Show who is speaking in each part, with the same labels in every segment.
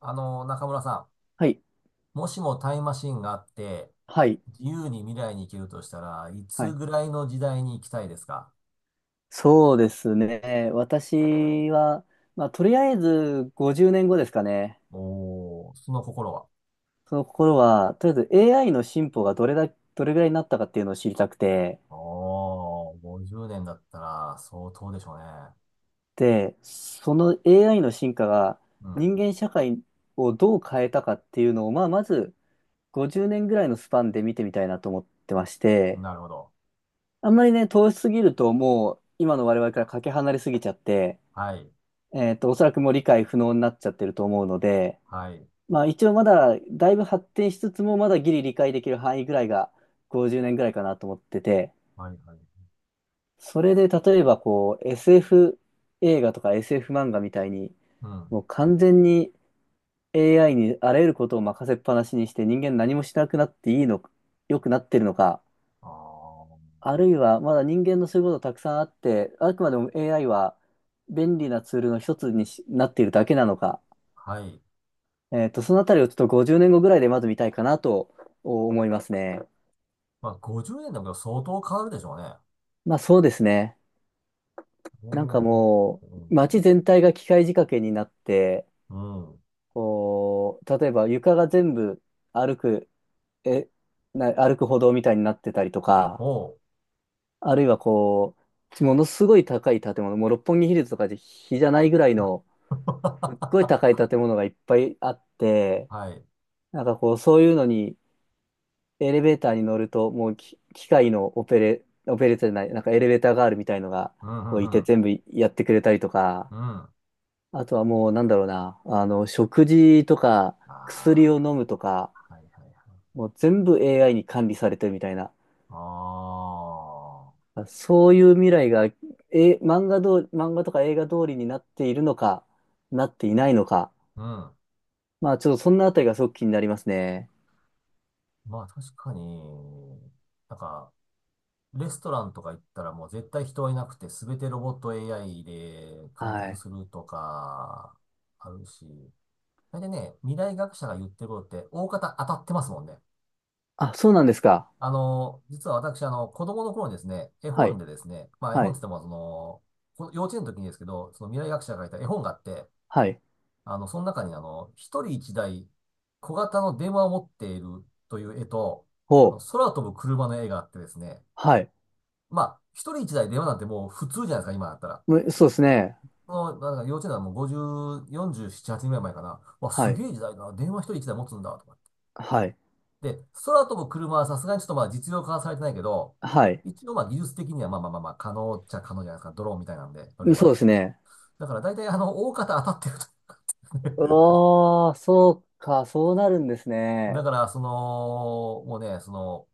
Speaker 1: 中村さ
Speaker 2: はい、
Speaker 1: ん、もしもタイムマシンがあって、
Speaker 2: はい、
Speaker 1: 自由に未来に行けるとしたらい
Speaker 2: は
Speaker 1: つ
Speaker 2: い。
Speaker 1: ぐらいの時代に行きたいですか？
Speaker 2: そうですね。私は、まあ、とりあえず50年後ですかね。
Speaker 1: おー、その心は。
Speaker 2: その心は、とりあえず AI の進歩がどれぐらいになったかっていうのを知りたくて、
Speaker 1: おー、50年だったら相当でしょうね。
Speaker 2: で、その AI の進化が人間社会をどう変えたかっていうのを、まあ、まず50年ぐらいのスパンで見てみたいなと思ってまし
Speaker 1: うん。
Speaker 2: て、
Speaker 1: なるほど。
Speaker 2: あんまりね、遠しすぎるともう今の我々からかけ離れすぎちゃって、
Speaker 1: はい。
Speaker 2: おそらくもう理解不能になっちゃってると思うので、
Speaker 1: はい。
Speaker 2: まあ一応まだだいぶ発展しつつもまだギリ理解できる範囲ぐらいが50年ぐらいかなと思ってて、
Speaker 1: はい、はい。
Speaker 2: それで例えばこう SF 映画とか SF 漫画みたいに
Speaker 1: うん。
Speaker 2: もう完全に AI にあらゆることを任せっぱなしにして人間何もしなくなっていいの、良くなってるのか、
Speaker 1: あー、
Speaker 2: あるいはまだ人間のそういうことたくさんあって、あくまでも AI は便利なツールの一つにしなっているだけなのか、
Speaker 1: はい。
Speaker 2: そのあたりをちょっと50年後ぐらいでまず見たいかなと思いますね。
Speaker 1: まあ、50年だけど相当変わるでしょうね。
Speaker 2: まあそうですね。
Speaker 1: お
Speaker 2: なんかもう、
Speaker 1: ー、
Speaker 2: 街全体が機械仕掛けになって、
Speaker 1: うん。うん。
Speaker 2: こう、例えば床が全部歩く、え、歩く歩道みたいになってたりとか、
Speaker 1: おー。
Speaker 2: あるいはこう、ものすごい高い建物、もう六本木ヒルズとかで比じゃないぐらいの、すっごい高い 建物がいっぱいあって、
Speaker 1: はい。
Speaker 2: なんかこう、そういうのに、エレベーターに乗ると、もう機械のオペレーターじゃない、なんかエレベーターガールみたいのが、
Speaker 1: うん、
Speaker 2: こう
Speaker 1: う
Speaker 2: い
Speaker 1: ん、う
Speaker 2: て
Speaker 1: ん。
Speaker 2: 全部やってくれたりとか、
Speaker 1: うん。
Speaker 2: あとはもうなんだろうな、食事とか
Speaker 1: あ
Speaker 2: 薬を飲むとか、
Speaker 1: あ、はいはいはい。
Speaker 2: もう全部 AI に管理されてるみたいな、
Speaker 1: あ
Speaker 2: そういう未来が、え、漫画ど、漫画とか映画通りになっているのか、なっていないのか。
Speaker 1: あ、うん。
Speaker 2: まあちょっとそんなあたりがすごく気になりますね。
Speaker 1: まあ確かに、なんか、レストランとか行ったらもう絶対人はいなくて、すべてロボット AI で完
Speaker 2: は
Speaker 1: 結
Speaker 2: い。
Speaker 1: するとか、あるし。大体ね、未来学者が言ってることって、大方当たってますもんね。
Speaker 2: あ、そうなんですか。
Speaker 1: 実は私、子供の頃にですね、絵
Speaker 2: は
Speaker 1: 本
Speaker 2: い。
Speaker 1: でですね、まあ絵
Speaker 2: は
Speaker 1: 本っ
Speaker 2: い。
Speaker 1: て言っても、幼稚園の時にですけど、その未来学者が書いた絵本があって、
Speaker 2: はい。
Speaker 1: その中に一人一台小型の電話を持っているという絵と、
Speaker 2: ほう。
Speaker 1: 空飛ぶ車の絵があってですね、
Speaker 2: はい。
Speaker 1: まあ、一人一台電話なんてもう普通じゃないですか、今だったら。
Speaker 2: そうですね。
Speaker 1: 幼稚園はもう50、47、8年ぐらい前かな。わ、
Speaker 2: は
Speaker 1: す
Speaker 2: い。
Speaker 1: げえ時代だな。電話一人一台持つんだ、とかっ
Speaker 2: はい。
Speaker 1: て。で、空飛ぶ車はさすがにちょっとまあ実用化はされてないけど、
Speaker 2: はい。
Speaker 1: 一応まあ技術的にはまあまあ可能っちゃ可能じゃないですか。ドローンみたいなんで乗れ
Speaker 2: そう
Speaker 1: ば。
Speaker 2: ですね。
Speaker 1: だから大体大方当たってると。
Speaker 2: う わー、そうか、そうなるんです
Speaker 1: だ
Speaker 2: ね。
Speaker 1: から、その、もうね、その、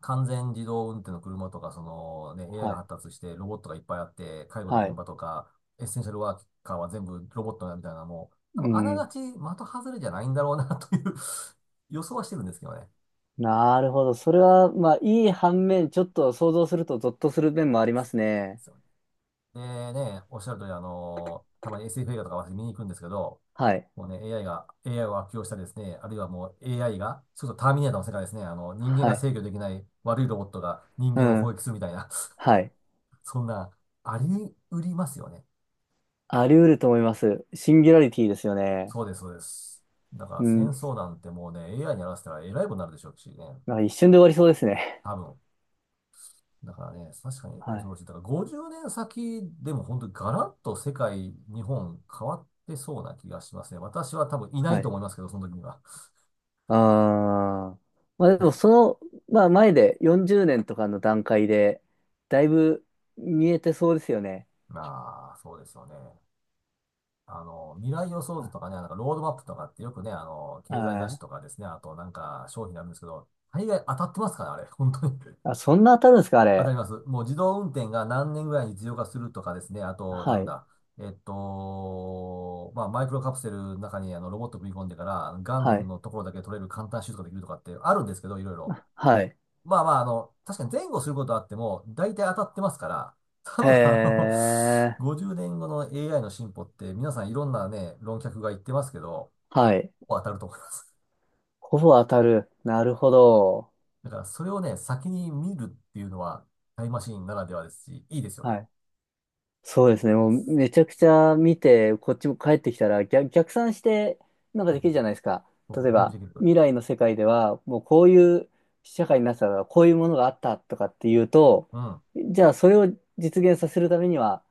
Speaker 1: 完全自動運転の車とか、そのね、AI
Speaker 2: は
Speaker 1: が
Speaker 2: い。
Speaker 1: 発達して、ロボットがいっぱいあって、介護の
Speaker 2: は
Speaker 1: 現
Speaker 2: い
Speaker 1: 場とか、エッセンシャルワーカーは全部ロボットだみたいな、もう、多
Speaker 2: う
Speaker 1: 分あなが
Speaker 2: ん。
Speaker 1: ち的外れじゃないんだろうなという 予想はしてるんですけどね。
Speaker 2: なるほど。それは、まあ、いい反面、ちょっと想像するとゾッとする面もありますね。
Speaker 1: そうでね、おっしゃる通り、たまに SF 映画とか私見に行くんですけど、
Speaker 2: はい。
Speaker 1: もうね、AI が、AI を悪用したりですね、あるいはもう AI が、そうそうターミネーターの世界ですね、人間
Speaker 2: は
Speaker 1: が
Speaker 2: い。
Speaker 1: 制御できない悪いロボットが人
Speaker 2: う
Speaker 1: 間を攻
Speaker 2: ん。
Speaker 1: 撃するみたいな、
Speaker 2: はい。
Speaker 1: そんな、あり得りますよね。
Speaker 2: あり得ると思います。シンギュラリティですよね。
Speaker 1: そうです、そうです。だから
Speaker 2: う
Speaker 1: 戦
Speaker 2: ん。
Speaker 1: 争なんてもうね、AI にやらせたらえらいことになるでしょうしね。
Speaker 2: まあ、一瞬で終わりそうですね。
Speaker 1: 多分。だからね、確か に
Speaker 2: は
Speaker 1: 恐
Speaker 2: い。
Speaker 1: ろしい。だから50年先でも本当にガラッと世界、日本変わってそうな気がしますね。私は多分いな
Speaker 2: は
Speaker 1: いと
Speaker 2: い。
Speaker 1: 思いますけど、その時には。
Speaker 2: ああ。まあ、で
Speaker 1: だ
Speaker 2: も、
Speaker 1: から
Speaker 2: その、まあ、前で40年とかの段階で、だいぶ見えてそうですよね。
Speaker 1: まあ、そうですよね。未来予想
Speaker 2: は
Speaker 1: 図
Speaker 2: い。
Speaker 1: とかね、ロードマップとかってよくね、経済雑
Speaker 2: あ
Speaker 1: 誌とかですね、あと商品なんですけど、大概当たってますからね、あれ、本当に。
Speaker 2: あそんな当たるんですか、あ
Speaker 1: わか
Speaker 2: れ。
Speaker 1: ります。もう自動運転が何年ぐらいに実用化するとかですね。あと、
Speaker 2: は
Speaker 1: なん
Speaker 2: い。
Speaker 1: だ。まあ、マイクロカプセルの中にあのロボット組み込んでから、が
Speaker 2: は
Speaker 1: ん
Speaker 2: い。
Speaker 1: のところだけ取れる簡単手術ができるとかってあるんですけど、いろいろ。
Speaker 2: はい。
Speaker 1: まあまあ、確かに前後することはあっても、大体当たってますから、多
Speaker 2: へ
Speaker 1: 分あの、
Speaker 2: ー。
Speaker 1: 50年後の AI の進歩って皆さんいろんなね、論客が言ってますけど、
Speaker 2: はい。
Speaker 1: ほぼ当たると思います。
Speaker 2: ほぼ当たる。なるほど。
Speaker 1: だからそれをね、先に見るっていうのは、タイムマシンならではですし、いいですよね。
Speaker 2: はい。そうですね。もうめちゃくちゃ見て、こっちも帰ってきたら逆算してなんか
Speaker 1: そう
Speaker 2: できるじゃ
Speaker 1: そ
Speaker 2: ないですか。
Speaker 1: うそうそ
Speaker 2: 例
Speaker 1: う
Speaker 2: え
Speaker 1: 準備で
Speaker 2: ば、
Speaker 1: きると。
Speaker 2: 未来の世界では、もうこういう社会になってたから、こういうものがあったとかっていうと、
Speaker 1: うん、
Speaker 2: じゃあそれを実現させるためには、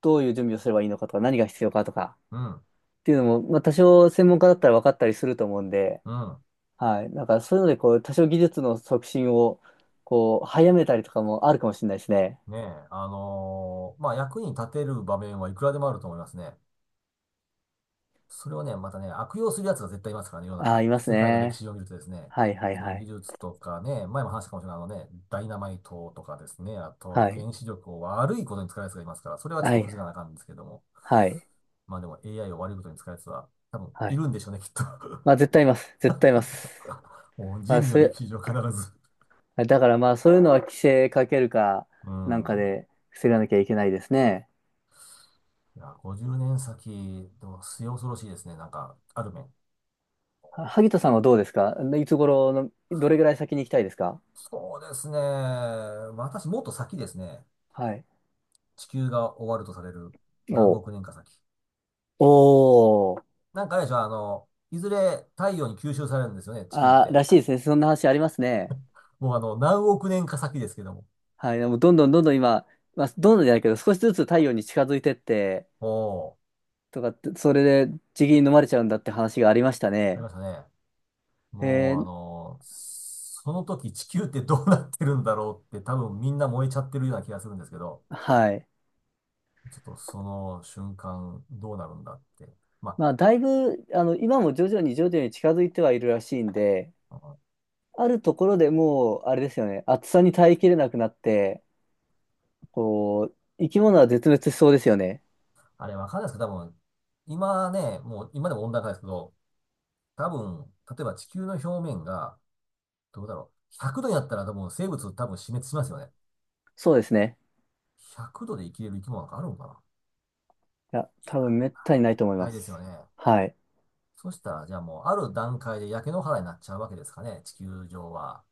Speaker 2: どういう準備をすればいいのかとか、何が必要かとか
Speaker 1: うん、
Speaker 2: っていうのも、まあ多少専門家だったら分かったりすると思うんで、
Speaker 1: うん。
Speaker 2: はい。なんかそういうので、こう、多少技術の促進を、こう、早めたりとかもあるかもしれないですね。
Speaker 1: ねえ、まあ、役に立てる場面はいくらでもあると思いますね。それをね、またね、悪用する奴が絶対いますからね、世の
Speaker 2: ああ、
Speaker 1: 中。
Speaker 2: います
Speaker 1: 世界の歴
Speaker 2: ね。
Speaker 1: 史を見るとですね、
Speaker 2: はいはい
Speaker 1: そ
Speaker 2: は
Speaker 1: の技
Speaker 2: い。
Speaker 1: 術とかね、前も話したかもしれないダイナマイトとかですね、あと
Speaker 2: はい。
Speaker 1: 原子力を悪いことに使う奴がいますから、それはちょっ
Speaker 2: は
Speaker 1: と
Speaker 2: い。
Speaker 1: 防がなあかんんですけども。
Speaker 2: はい。
Speaker 1: まあでも AI を悪いことに使う奴は多分
Speaker 2: は
Speaker 1: い
Speaker 2: い。
Speaker 1: るんでしょうね、きっと。
Speaker 2: まあ絶対います。絶対います。
Speaker 1: もう
Speaker 2: まあ
Speaker 1: 人類の
Speaker 2: それ、
Speaker 1: 歴史上必ず。
Speaker 2: だからまあそういうのは規制かけるか
Speaker 1: う
Speaker 2: なんか
Speaker 1: ん。
Speaker 2: で防がなきゃいけないですね。
Speaker 1: いや、50年先、でも末恐ろしいですね、なんか、ある面。
Speaker 2: 萩田さんはどうですか？いつ頃の、どれぐらい先に行きたいですか？
Speaker 1: そうですね。私、もっと先ですね。
Speaker 2: はい。
Speaker 1: 地球が終わるとされる
Speaker 2: お
Speaker 1: 何
Speaker 2: う
Speaker 1: 億年か先。
Speaker 2: おー。
Speaker 1: なんかあれでしょ、いずれ太陽に吸収されるんですよね、地球っ
Speaker 2: ああ、
Speaker 1: て。
Speaker 2: らしいですね。そんな話ありますね。
Speaker 1: もう何億年か先ですけども。
Speaker 2: はい。でもどんどんどんどん今、まあどんどんじゃないけど少しずつ太陽に近づいてって
Speaker 1: おー、
Speaker 2: とかって、それで地銀に飲まれちゃうんだって話がありました
Speaker 1: ありま
Speaker 2: ね。
Speaker 1: したね。
Speaker 2: え
Speaker 1: もう
Speaker 2: ー
Speaker 1: その時地球ってどうなってるんだろうって多分みんな燃えちゃってるような気がするんですけど、
Speaker 2: はい。
Speaker 1: ちょっとその瞬間どうなるんだって。ま
Speaker 2: まあ、だいぶ、今も徐々に徐々に近づいてはいるらしいんで、
Speaker 1: あ、あの
Speaker 2: あるところでもう、あれですよね、暑さに耐えきれなくなって、こう、生き物は絶滅しそうですよね。
Speaker 1: あれわかんないですけど、多分、今ね、もう今でも温暖化ですけど、多分、例えば地球の表面が、どうだろう。100度になったら多分生物多分死滅しますよね。
Speaker 2: そうですね。
Speaker 1: 100度で生きれる生き物なんかあるのかな。
Speaker 2: いや、
Speaker 1: いや、
Speaker 2: 多分めったにないと思い
Speaker 1: な
Speaker 2: ま
Speaker 1: いですよ
Speaker 2: す。
Speaker 1: ね。
Speaker 2: はい。
Speaker 1: そしたら、じゃあもうある段階で焼け野原になっちゃうわけですかね、地球上は。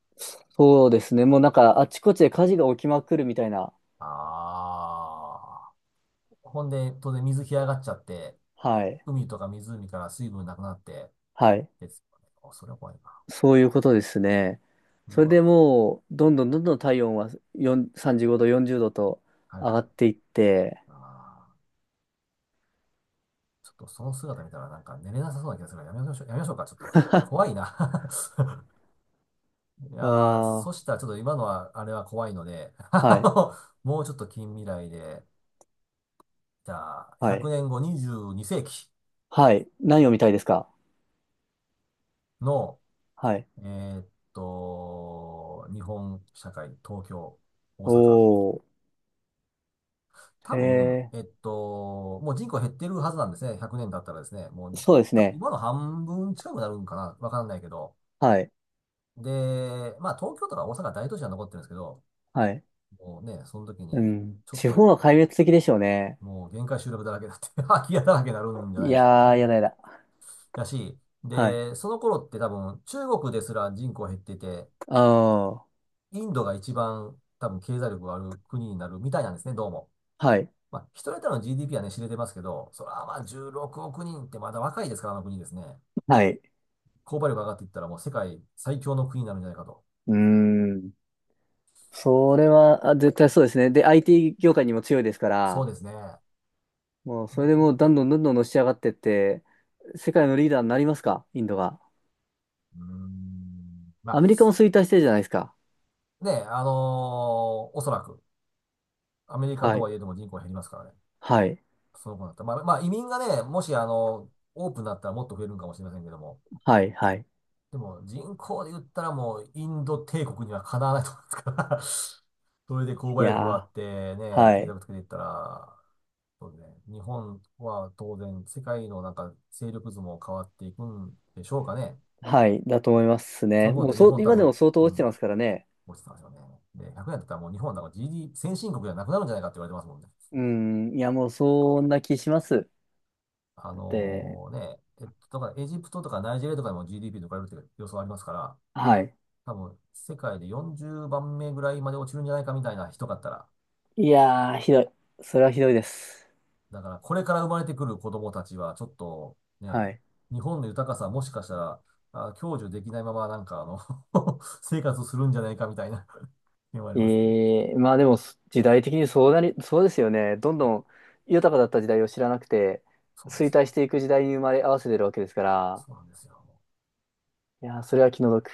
Speaker 2: そうですね。もうなんか、あちこちで火事が起きまくるみたいな。
Speaker 1: ああ。ほんで、当然水干上がっちゃって、
Speaker 2: はい。
Speaker 1: 海とか湖から水分なくなって、
Speaker 2: はい。
Speaker 1: ですよね。おそれは怖いな。
Speaker 2: そういうことですね。そ
Speaker 1: う
Speaker 2: れ
Speaker 1: わ。
Speaker 2: でもう、どんどんどんどん体温は4 35度、40度と
Speaker 1: はい
Speaker 2: 上が
Speaker 1: は
Speaker 2: っ
Speaker 1: い。
Speaker 2: ていって、
Speaker 1: ああ。ちょっとその姿見たらなんか寝れなさそうな気がするからやめましょう、やめましょうか。ちょっと怖 いな。 いやー、そ
Speaker 2: ああ、
Speaker 1: したらちょっと今のは、あれは怖いので、
Speaker 2: はい、
Speaker 1: もうちょっと近未来で、じゃあ、
Speaker 2: は
Speaker 1: 100
Speaker 2: い、
Speaker 1: 年後22世紀
Speaker 2: はい。何を見たいですか？
Speaker 1: の、
Speaker 2: はい。
Speaker 1: えーっ日本社会、東京、大阪。
Speaker 2: おー、へ
Speaker 1: 多分、
Speaker 2: え、
Speaker 1: もう人口減ってるはずなんですね。100年経ったらですね。もう、
Speaker 2: そうです
Speaker 1: 多分
Speaker 2: ね。
Speaker 1: 今の半分近くなるんかなわかんないけど。
Speaker 2: はい、
Speaker 1: で、まあ東京とか大阪大都市は残ってるんですけど、
Speaker 2: はい。
Speaker 1: もうね、その時
Speaker 2: う
Speaker 1: に、
Speaker 2: ん。
Speaker 1: ちょっ
Speaker 2: 地
Speaker 1: と
Speaker 2: 方は壊滅的でしょうね。
Speaker 1: もう限界集落だらけだって 空き家だらけになるんじゃな
Speaker 2: い
Speaker 1: いでしょうか
Speaker 2: やー、や
Speaker 1: ね。
Speaker 2: だやだ。
Speaker 1: だし、
Speaker 2: はい。
Speaker 1: で、その頃って多分中国ですら人口減ってて、
Speaker 2: ああ、
Speaker 1: インドが一番多分経済力がある国になるみたいなんですね、どうも。
Speaker 2: はい、
Speaker 1: まあ、一人当たりの GDP はね、知れてますけど、それはまあ16億人ってまだ若いですから、あの国ですね。
Speaker 2: はい。
Speaker 1: 購買力上がっていったらもう世界最強の国になるんじゃないかと。
Speaker 2: うーん。それは、あ、絶対そうですね。で、IT 業界にも強いですか
Speaker 1: そう
Speaker 2: ら、
Speaker 1: ですね。
Speaker 2: もう、それでもう、
Speaker 1: う
Speaker 2: どんどんどんどんのし上がってって、世界のリーダーになりますか、インドが？
Speaker 1: ん、うんま
Speaker 2: アメリカも衰退してるじゃないですか。
Speaker 1: あね、おそらくアメリカ
Speaker 2: は
Speaker 1: と
Speaker 2: い、
Speaker 1: はいえども人口減りますからね。
Speaker 2: はい、
Speaker 1: その子だった。まあ、移民がね、もしオープンだったらもっと増えるんかもしれませんけども。
Speaker 2: はい、はい。
Speaker 1: でも、人口で言ったらもう、インド帝国にはかなわないと思いますから。 それで購
Speaker 2: い
Speaker 1: 買力があ
Speaker 2: や
Speaker 1: って
Speaker 2: ー。
Speaker 1: ね、
Speaker 2: は
Speaker 1: 経済
Speaker 2: い。
Speaker 1: をつけていったら、そうですね、日本は当然、世界のなんか勢力図も変わっていくんでしょうかね。
Speaker 2: はい。だと思います
Speaker 1: そ
Speaker 2: ね。
Speaker 1: の頃っ
Speaker 2: もう
Speaker 1: て日
Speaker 2: そう、
Speaker 1: 本多
Speaker 2: 今で
Speaker 1: 分、
Speaker 2: も相当
Speaker 1: う
Speaker 2: 落ちて
Speaker 1: ん、
Speaker 2: ますからね。
Speaker 1: 落ちてますよね。で、100年だったらもう日本はなんか GD、先進国じゃなくなるんじゃないかって言われてますもんね。
Speaker 2: うん。いや、もうそんな気します。
Speaker 1: あ
Speaker 2: で、
Speaker 1: のね、だからエジプトとかナイジェリアとかでも GDP とかいるって予想ありますから、
Speaker 2: はい。
Speaker 1: 多分世界で40番目ぐらいまで落ちるんじゃないかみたいな人だったら、
Speaker 2: いやー、ひどい。それはひどいです。
Speaker 1: だからこれから生まれてくる子供たちはちょっとね、
Speaker 2: はい。
Speaker 1: 日本の豊かさもしかしたら、あ、享受できないままなんかあの 生活するんじゃないかみたいな 気もありますね。
Speaker 2: えー、まあでも、時代的にそうなり、そうですよね。どんどん豊かだった時代を知らなくて、
Speaker 1: そうなんで
Speaker 2: 衰
Speaker 1: すよ。
Speaker 2: 退していく時代に生まれ合わせてるわけですから、
Speaker 1: そうなんですよ。
Speaker 2: いやー、それは気の毒。